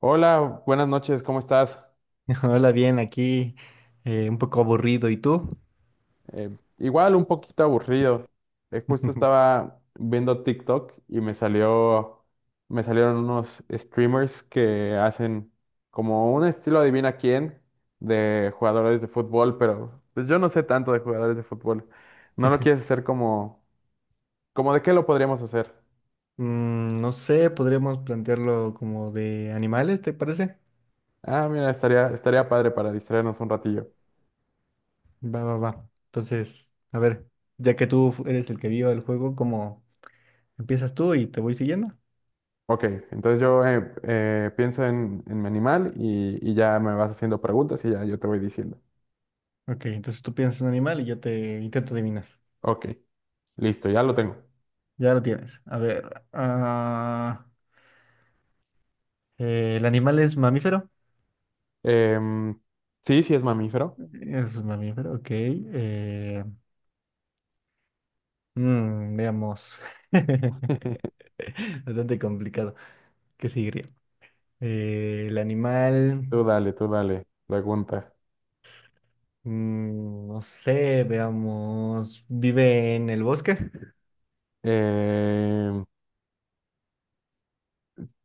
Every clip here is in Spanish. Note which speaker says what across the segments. Speaker 1: Hola, buenas noches, ¿cómo estás?
Speaker 2: Hola, bien, aquí un poco aburrido. ¿Y tú?
Speaker 1: Eh, Igual un poquito aburrido. Justo estaba viendo TikTok y me salió, me salieron unos streamers que hacen como un estilo adivina quién de jugadores de fútbol, pero pues, yo no sé tanto de jugadores de fútbol. ¿No lo quieres hacer como, como de qué lo podríamos hacer?
Speaker 2: Mm, no sé, podríamos plantearlo como de animales, ¿te parece?
Speaker 1: Ah, mira, estaría padre para distraernos un ratillo.
Speaker 2: Va, va, va. Entonces, a ver, ya que eres el que vio el juego, ¿cómo empiezas tú y te voy siguiendo?
Speaker 1: Ok, entonces yo pienso en mi animal y ya me vas haciendo preguntas y ya yo te voy diciendo.
Speaker 2: Ok, entonces tú piensas en un animal y yo te intento adivinar.
Speaker 1: Ok, listo, ya lo tengo.
Speaker 2: Ya lo tienes. A ver, ah, ¿el animal es mamífero?
Speaker 1: Em, sí, sí es mamífero.
Speaker 2: Es un mamífero, ok. Mm, veamos. Bastante complicado. ¿Qué sigue? Eh, el animal,
Speaker 1: Tú dale, pregunta.
Speaker 2: no sé, veamos, vive en el bosque.
Speaker 1: Em,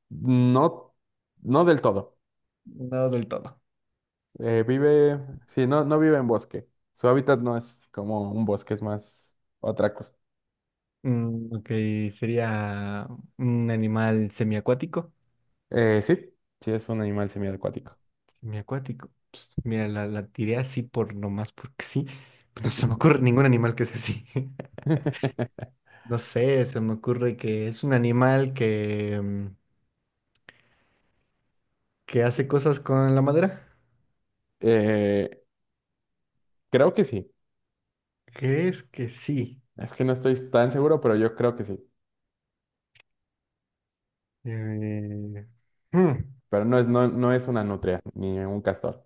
Speaker 1: no, no del todo.
Speaker 2: No del todo.
Speaker 1: Eh, vive, sí, no, no vive en bosque. Su hábitat no es como un bosque, es más otra cosa.
Speaker 2: Mm, ok, sería un animal semiacuático.
Speaker 1: Sí, sí es un animal semiacuático.
Speaker 2: Semiacuático. Ps, mira, la tiré así por nomás porque sí. Pues no se me ocurre ningún animal que sea así. No sé, se me ocurre que es un animal que que hace cosas con la madera.
Speaker 1: Eh, Creo que sí.
Speaker 2: ¿Crees que sí?
Speaker 1: Es que no estoy tan seguro, pero yo creo que sí.
Speaker 2: Eh, hmm,
Speaker 1: Pero no es, no, no es una nutria ni un castor.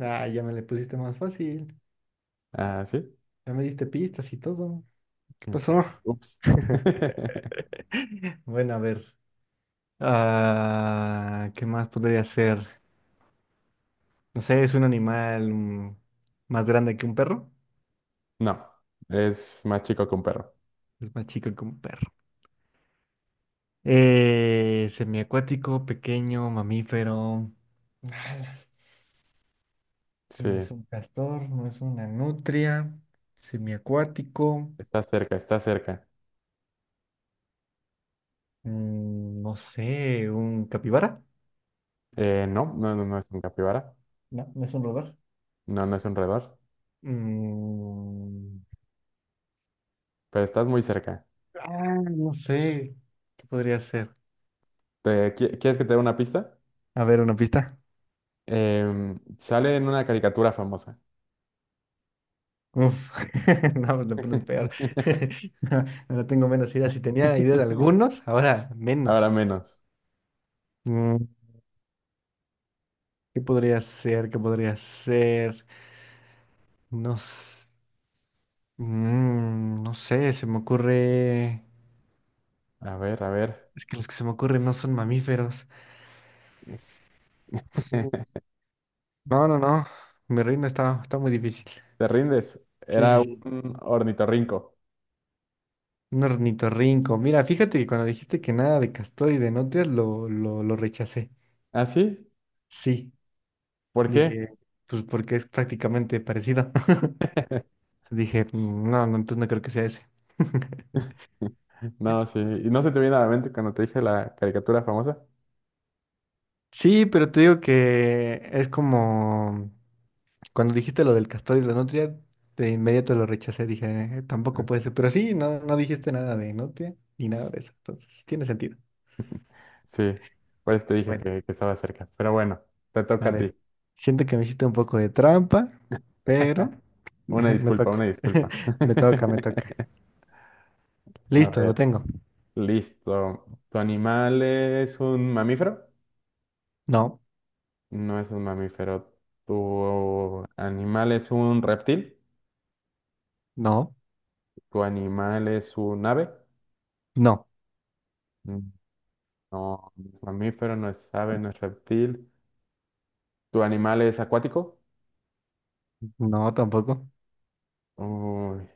Speaker 2: Ah, ya me le pusiste más fácil.
Speaker 1: Ah, ¿sí?
Speaker 2: Ya me diste pistas y todo. ¿Qué
Speaker 1: Mm.
Speaker 2: pasó?
Speaker 1: Ups.
Speaker 2: Bueno, a ver. Ah, ¿qué más podría ser? No sé, es un animal más grande que un perro.
Speaker 1: No, es más chico que un perro.
Speaker 2: Es más chico que un perro. Semiacuático, pequeño, mamífero. Ala,
Speaker 1: Sí,
Speaker 2: no es un castor, no es una nutria. Semiacuático.
Speaker 1: está cerca, está cerca.
Speaker 2: Mm, no sé, un capibara.
Speaker 1: No, no, no es un capibara.
Speaker 2: No, no es un roedor.
Speaker 1: No, no es un roedor.
Speaker 2: Mm,
Speaker 1: Pero estás muy cerca.
Speaker 2: ah, no sé. ¿Qué podría ser?
Speaker 1: ¿ Quieres que te dé una pista?
Speaker 2: A ver, una pista.
Speaker 1: Sale en una caricatura famosa.
Speaker 2: Uf, no, pues la pones peor. Ahora tengo menos ideas. Si tenía idea de algunos, ahora
Speaker 1: Ahora
Speaker 2: menos.
Speaker 1: menos.
Speaker 2: Mm, ¿qué podría ser? ¿Qué podría ser? No, s- no sé, se me ocurre.
Speaker 1: A ver, a ver.
Speaker 2: Es que los que se me ocurren no son mamíferos. Mm, no, no, no. Mi reino está muy difícil.
Speaker 1: ¿Te rindes?
Speaker 2: Sí,
Speaker 1: Era
Speaker 2: sí, sí.
Speaker 1: un ornitorrinco.
Speaker 2: Un ornitorrinco. Mira, fíjate que cuando dijiste que nada de castor y de nutrias, lo rechacé.
Speaker 1: ¿Ah, sí?
Speaker 2: Sí,
Speaker 1: ¿Por qué?
Speaker 2: dije, pues porque es prácticamente parecido. Dije, "Mm, no, no, entonces no creo que sea ese."
Speaker 1: No, sí. ¿Y no se te viene a la mente cuando te dije la caricatura famosa?
Speaker 2: Sí, pero te digo que es como cuando dijiste lo del castor y la nutria, de inmediato lo rechacé, dije, tampoco puede ser, pero sí, no, no dijiste nada de nutria ni nada de eso, entonces tiene sentido."
Speaker 1: Sí, por eso te dije
Speaker 2: Bueno,
Speaker 1: que estaba cerca. Pero bueno, te toca
Speaker 2: a
Speaker 1: a
Speaker 2: ver,
Speaker 1: ti.
Speaker 2: siento que me hiciste un poco de trampa, pero
Speaker 1: Una
Speaker 2: me
Speaker 1: disculpa, una
Speaker 2: toca,
Speaker 1: disculpa.
Speaker 2: me toca, me toca.
Speaker 1: A
Speaker 2: Listo, lo
Speaker 1: ver,
Speaker 2: tengo.
Speaker 1: listo. ¿Tu animal es un mamífero?
Speaker 2: No,
Speaker 1: No es un mamífero. ¿Tu animal es un reptil?
Speaker 2: no,
Speaker 1: ¿Tu animal es un ave?
Speaker 2: no,
Speaker 1: Mm, no, no es mamífero, no es ave, no es reptil. ¿Tu animal es acuático?
Speaker 2: no, tampoco.
Speaker 1: Uy,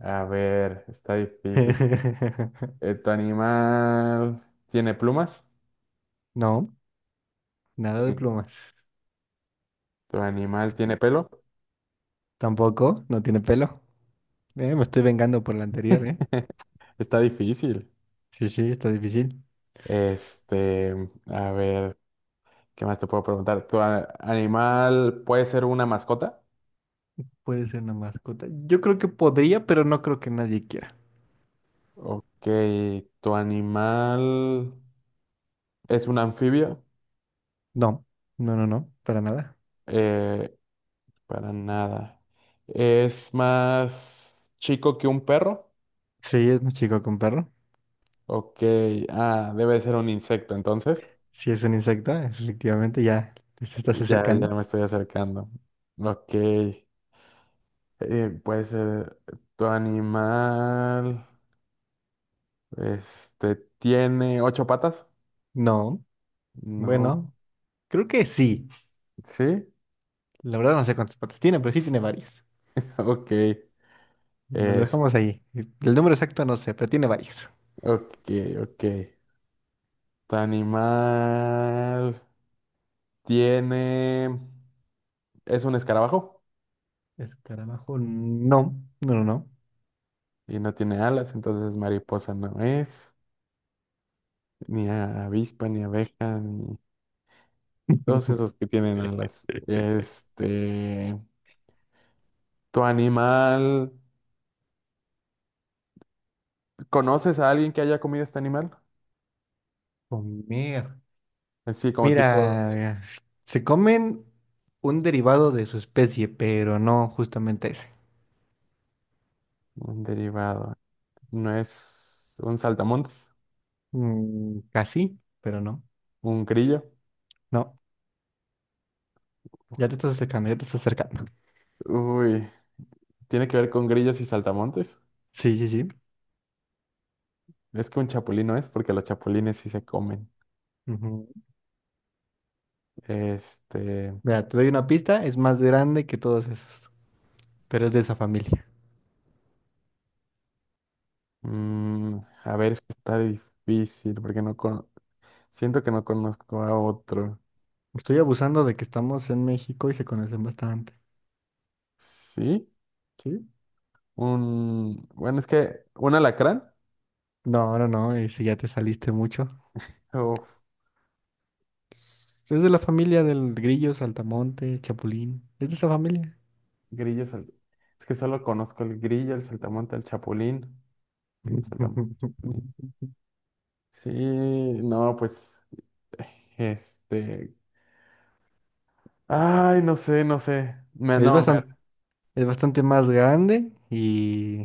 Speaker 1: a ver, está difícil. ¿Tu animal tiene plumas?
Speaker 2: No, nada de
Speaker 1: Sí.
Speaker 2: plumas.
Speaker 1: ¿Tu animal tiene pelo?
Speaker 2: Tampoco, no tiene pelo. Me estoy vengando por la anterior, ¿eh?
Speaker 1: Está difícil.
Speaker 2: Sí, sí, está difícil.
Speaker 1: Este, a ver, ¿qué más te puedo preguntar? ¿ Animal puede ser una mascota?
Speaker 2: Puede ser una mascota. Yo creo que podría, pero no creo que nadie quiera.
Speaker 1: Ok, ¿tu animal es un anfibio?
Speaker 2: No, no, no, no, para nada.
Speaker 1: Eh, para nada. ¿Es más chico que un perro?
Speaker 2: Sí, es un chico con perro.
Speaker 1: Ok, ah, debe ser un insecto entonces.
Speaker 2: Sí, es un insecto, efectivamente, ya te se estás
Speaker 1: Ya, ya
Speaker 2: acercando.
Speaker 1: me estoy acercando. Ok. Puede ser, ¿tu animal, este, tiene ocho patas?
Speaker 2: No,
Speaker 1: No.
Speaker 2: bueno, creo que sí.
Speaker 1: ¿Sí?
Speaker 2: La verdad no sé cuántas patas tiene, pero sí tiene varias.
Speaker 1: Ok.
Speaker 2: Nos lo
Speaker 1: Es,
Speaker 2: dejamos ahí. El número exacto no sé, pero tiene varias.
Speaker 1: ok, ok. ¿Tu animal tiene, es un escarabajo?
Speaker 2: Escarabajo, no, no, no, no.
Speaker 1: Y no tiene alas, entonces mariposa no es, ni avispa, ni abeja, ni y todos esos que tienen alas. Este, ¿tu animal... ¿Conoces a alguien que haya comido este animal?
Speaker 2: Comer.
Speaker 1: Sí como tipo
Speaker 2: Mira, se comen un derivado de su especie, pero no justamente ese.
Speaker 1: un derivado. No es un saltamontes,
Speaker 2: Mm, casi, pero no.
Speaker 1: un grillo.
Speaker 2: No, ya te estás acercando, ya te estás acercando.
Speaker 1: Uy, tiene que ver con grillos y saltamontes.
Speaker 2: Sí, sí, sí.
Speaker 1: Es que un chapulín no es porque los chapulines sí se comen.
Speaker 2: Ujú.
Speaker 1: Este,
Speaker 2: Mira, te doy una pista, es más grande que todos esos, pero es de esa familia.
Speaker 1: mm, a ver, es que está difícil porque no con... siento que no conozco a otro.
Speaker 2: Estoy abusando de que estamos en México y se conocen bastante.
Speaker 1: ¿Sí?
Speaker 2: ¿Sí?
Speaker 1: Un, bueno, es que un alacrán.
Speaker 2: No, no, no, ese ya te saliste mucho.
Speaker 1: Uf,
Speaker 2: Es de la familia del grillo, saltamonte, chapulín. Es de esa familia.
Speaker 1: grillo, sal- es que solo conozco el grillo, el saltamonte, el chapulín. Sí, o sea, sí, no, pues, este, ay, no sé, no sé, me,
Speaker 2: Es
Speaker 1: no, me,
Speaker 2: bastante, es bastante más grande y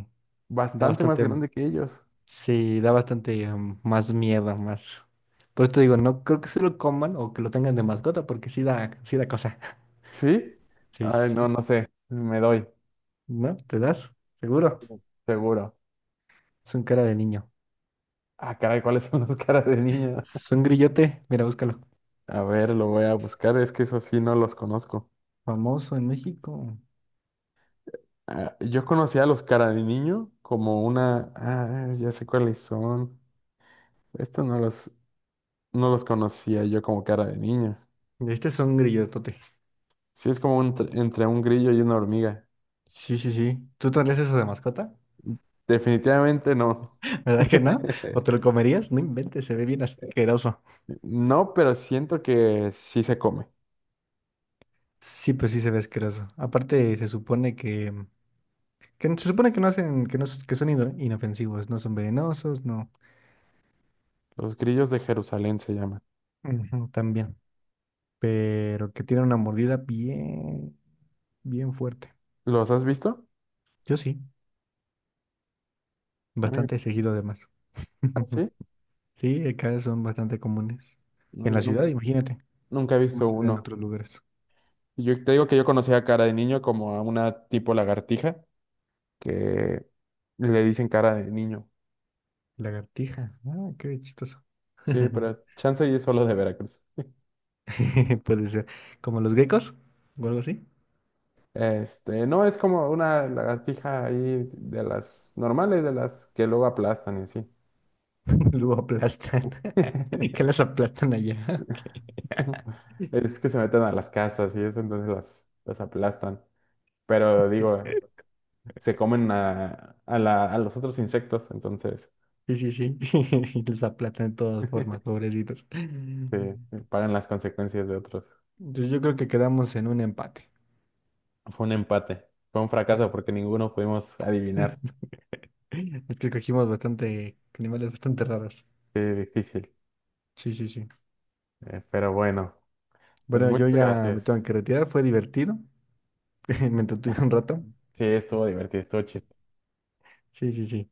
Speaker 2: da
Speaker 1: bastante más
Speaker 2: bastante,
Speaker 1: grande que ellos,
Speaker 2: sí, da bastante más miedo, más. Por eso te digo, no creo que se lo coman o que lo tengan de mascota, porque sí da, sí da cosa.
Speaker 1: ¿sí?
Speaker 2: Sí, sí,
Speaker 1: Ay, no,
Speaker 2: sí.
Speaker 1: no sé, me doy,
Speaker 2: ¿No? ¿Te das? Seguro.
Speaker 1: seguro.
Speaker 2: Es un cara de niño.
Speaker 1: Ah, caray, ¿cuáles son las caras de niño?
Speaker 2: Es un grillote. Mira, búscalo.
Speaker 1: A ver, lo voy a buscar, es que eso sí no los conozco.
Speaker 2: Famoso en México.
Speaker 1: Ah, yo conocía a los cara de niño como una, ah, ya sé cuáles son, estos no los, no los conocía yo como cara de niño.
Speaker 2: Este es un grillotote.
Speaker 1: Sí, es como un entre un grillo y una hormiga.
Speaker 2: Sí, sí, sí. ¿Tú tendrías eso de mascota?
Speaker 1: Definitivamente no.
Speaker 2: ¿Verdad que no? ¿O te lo comerías? No inventes, se ve bien asqueroso.
Speaker 1: No, pero siento que sí se come.
Speaker 2: Sí, pues sí se ve asqueroso. Aparte, se supone que, se supone que no hacen, que son inofensivos, no son venenosos, no.
Speaker 1: Los grillos de Jerusalén se llaman.
Speaker 2: Ujú, también. Pero que tienen una mordida bien, bien fuerte.
Speaker 1: ¿Los has visto?
Speaker 2: Yo sí,
Speaker 1: A
Speaker 2: bastante seguido además.
Speaker 1: ah, sí.
Speaker 2: Sí, acá son bastante comunes.
Speaker 1: No,
Speaker 2: En
Speaker 1: yo
Speaker 2: la ciudad,
Speaker 1: nunca,
Speaker 2: imagínate.
Speaker 1: nunca he
Speaker 2: ¿Cómo
Speaker 1: visto
Speaker 2: será en
Speaker 1: uno.
Speaker 2: otros lugares?
Speaker 1: Y yo te digo que yo conocía a cara de niño como a una tipo lagartija que le dicen cara de niño.
Speaker 2: Lagartija. Ah, qué chistoso.
Speaker 1: Sí, pero chance y es solo de Veracruz.
Speaker 2: Puede ser. Como los geckos o algo así.
Speaker 1: Este, no, es como una lagartija ahí de las normales, de las que luego aplastan y así.
Speaker 2: Luego aplastan. ¿Que las aplastan allá?
Speaker 1: Es que se meten a las casas y eso, entonces las aplastan. Pero digo, se comen a los otros insectos, entonces
Speaker 2: Sí, sí, sí. Les aplatan de todas formas, pobrecitos.
Speaker 1: se pagan las consecuencias de otros.
Speaker 2: Entonces yo creo que quedamos en un empate.
Speaker 1: Fue un empate, fue un fracaso porque ninguno pudimos adivinar.
Speaker 2: Es que cogimos bastante animales bastante raros.
Speaker 1: Qué difícil.
Speaker 2: Sí, sí, sí.
Speaker 1: Pero bueno, pues
Speaker 2: Bueno, yo
Speaker 1: muchas
Speaker 2: ya me tengo
Speaker 1: gracias.
Speaker 2: que retirar. Fue divertido. Me entretuve un rato.
Speaker 1: Sí, estuvo divertido, estuvo chistoso.
Speaker 2: Sí, sí, sí.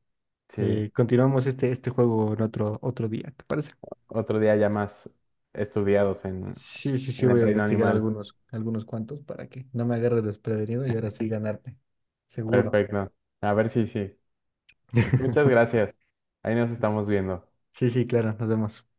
Speaker 1: Sí,
Speaker 2: Continuamos este juego en otro día, ¿te parece?
Speaker 1: otro día ya más estudiados
Speaker 2: Sí, sí, sí.
Speaker 1: en el
Speaker 2: Voy a
Speaker 1: reino
Speaker 2: investigar
Speaker 1: animal.
Speaker 2: algunos, algunos cuantos para que no me agarres desprevenido y ahora sí ganarte. Seguro.
Speaker 1: Perfecto. A ver si sí. Pues muchas gracias. Ahí nos estamos viendo.
Speaker 2: Sí, sí, claro. Nos vemos.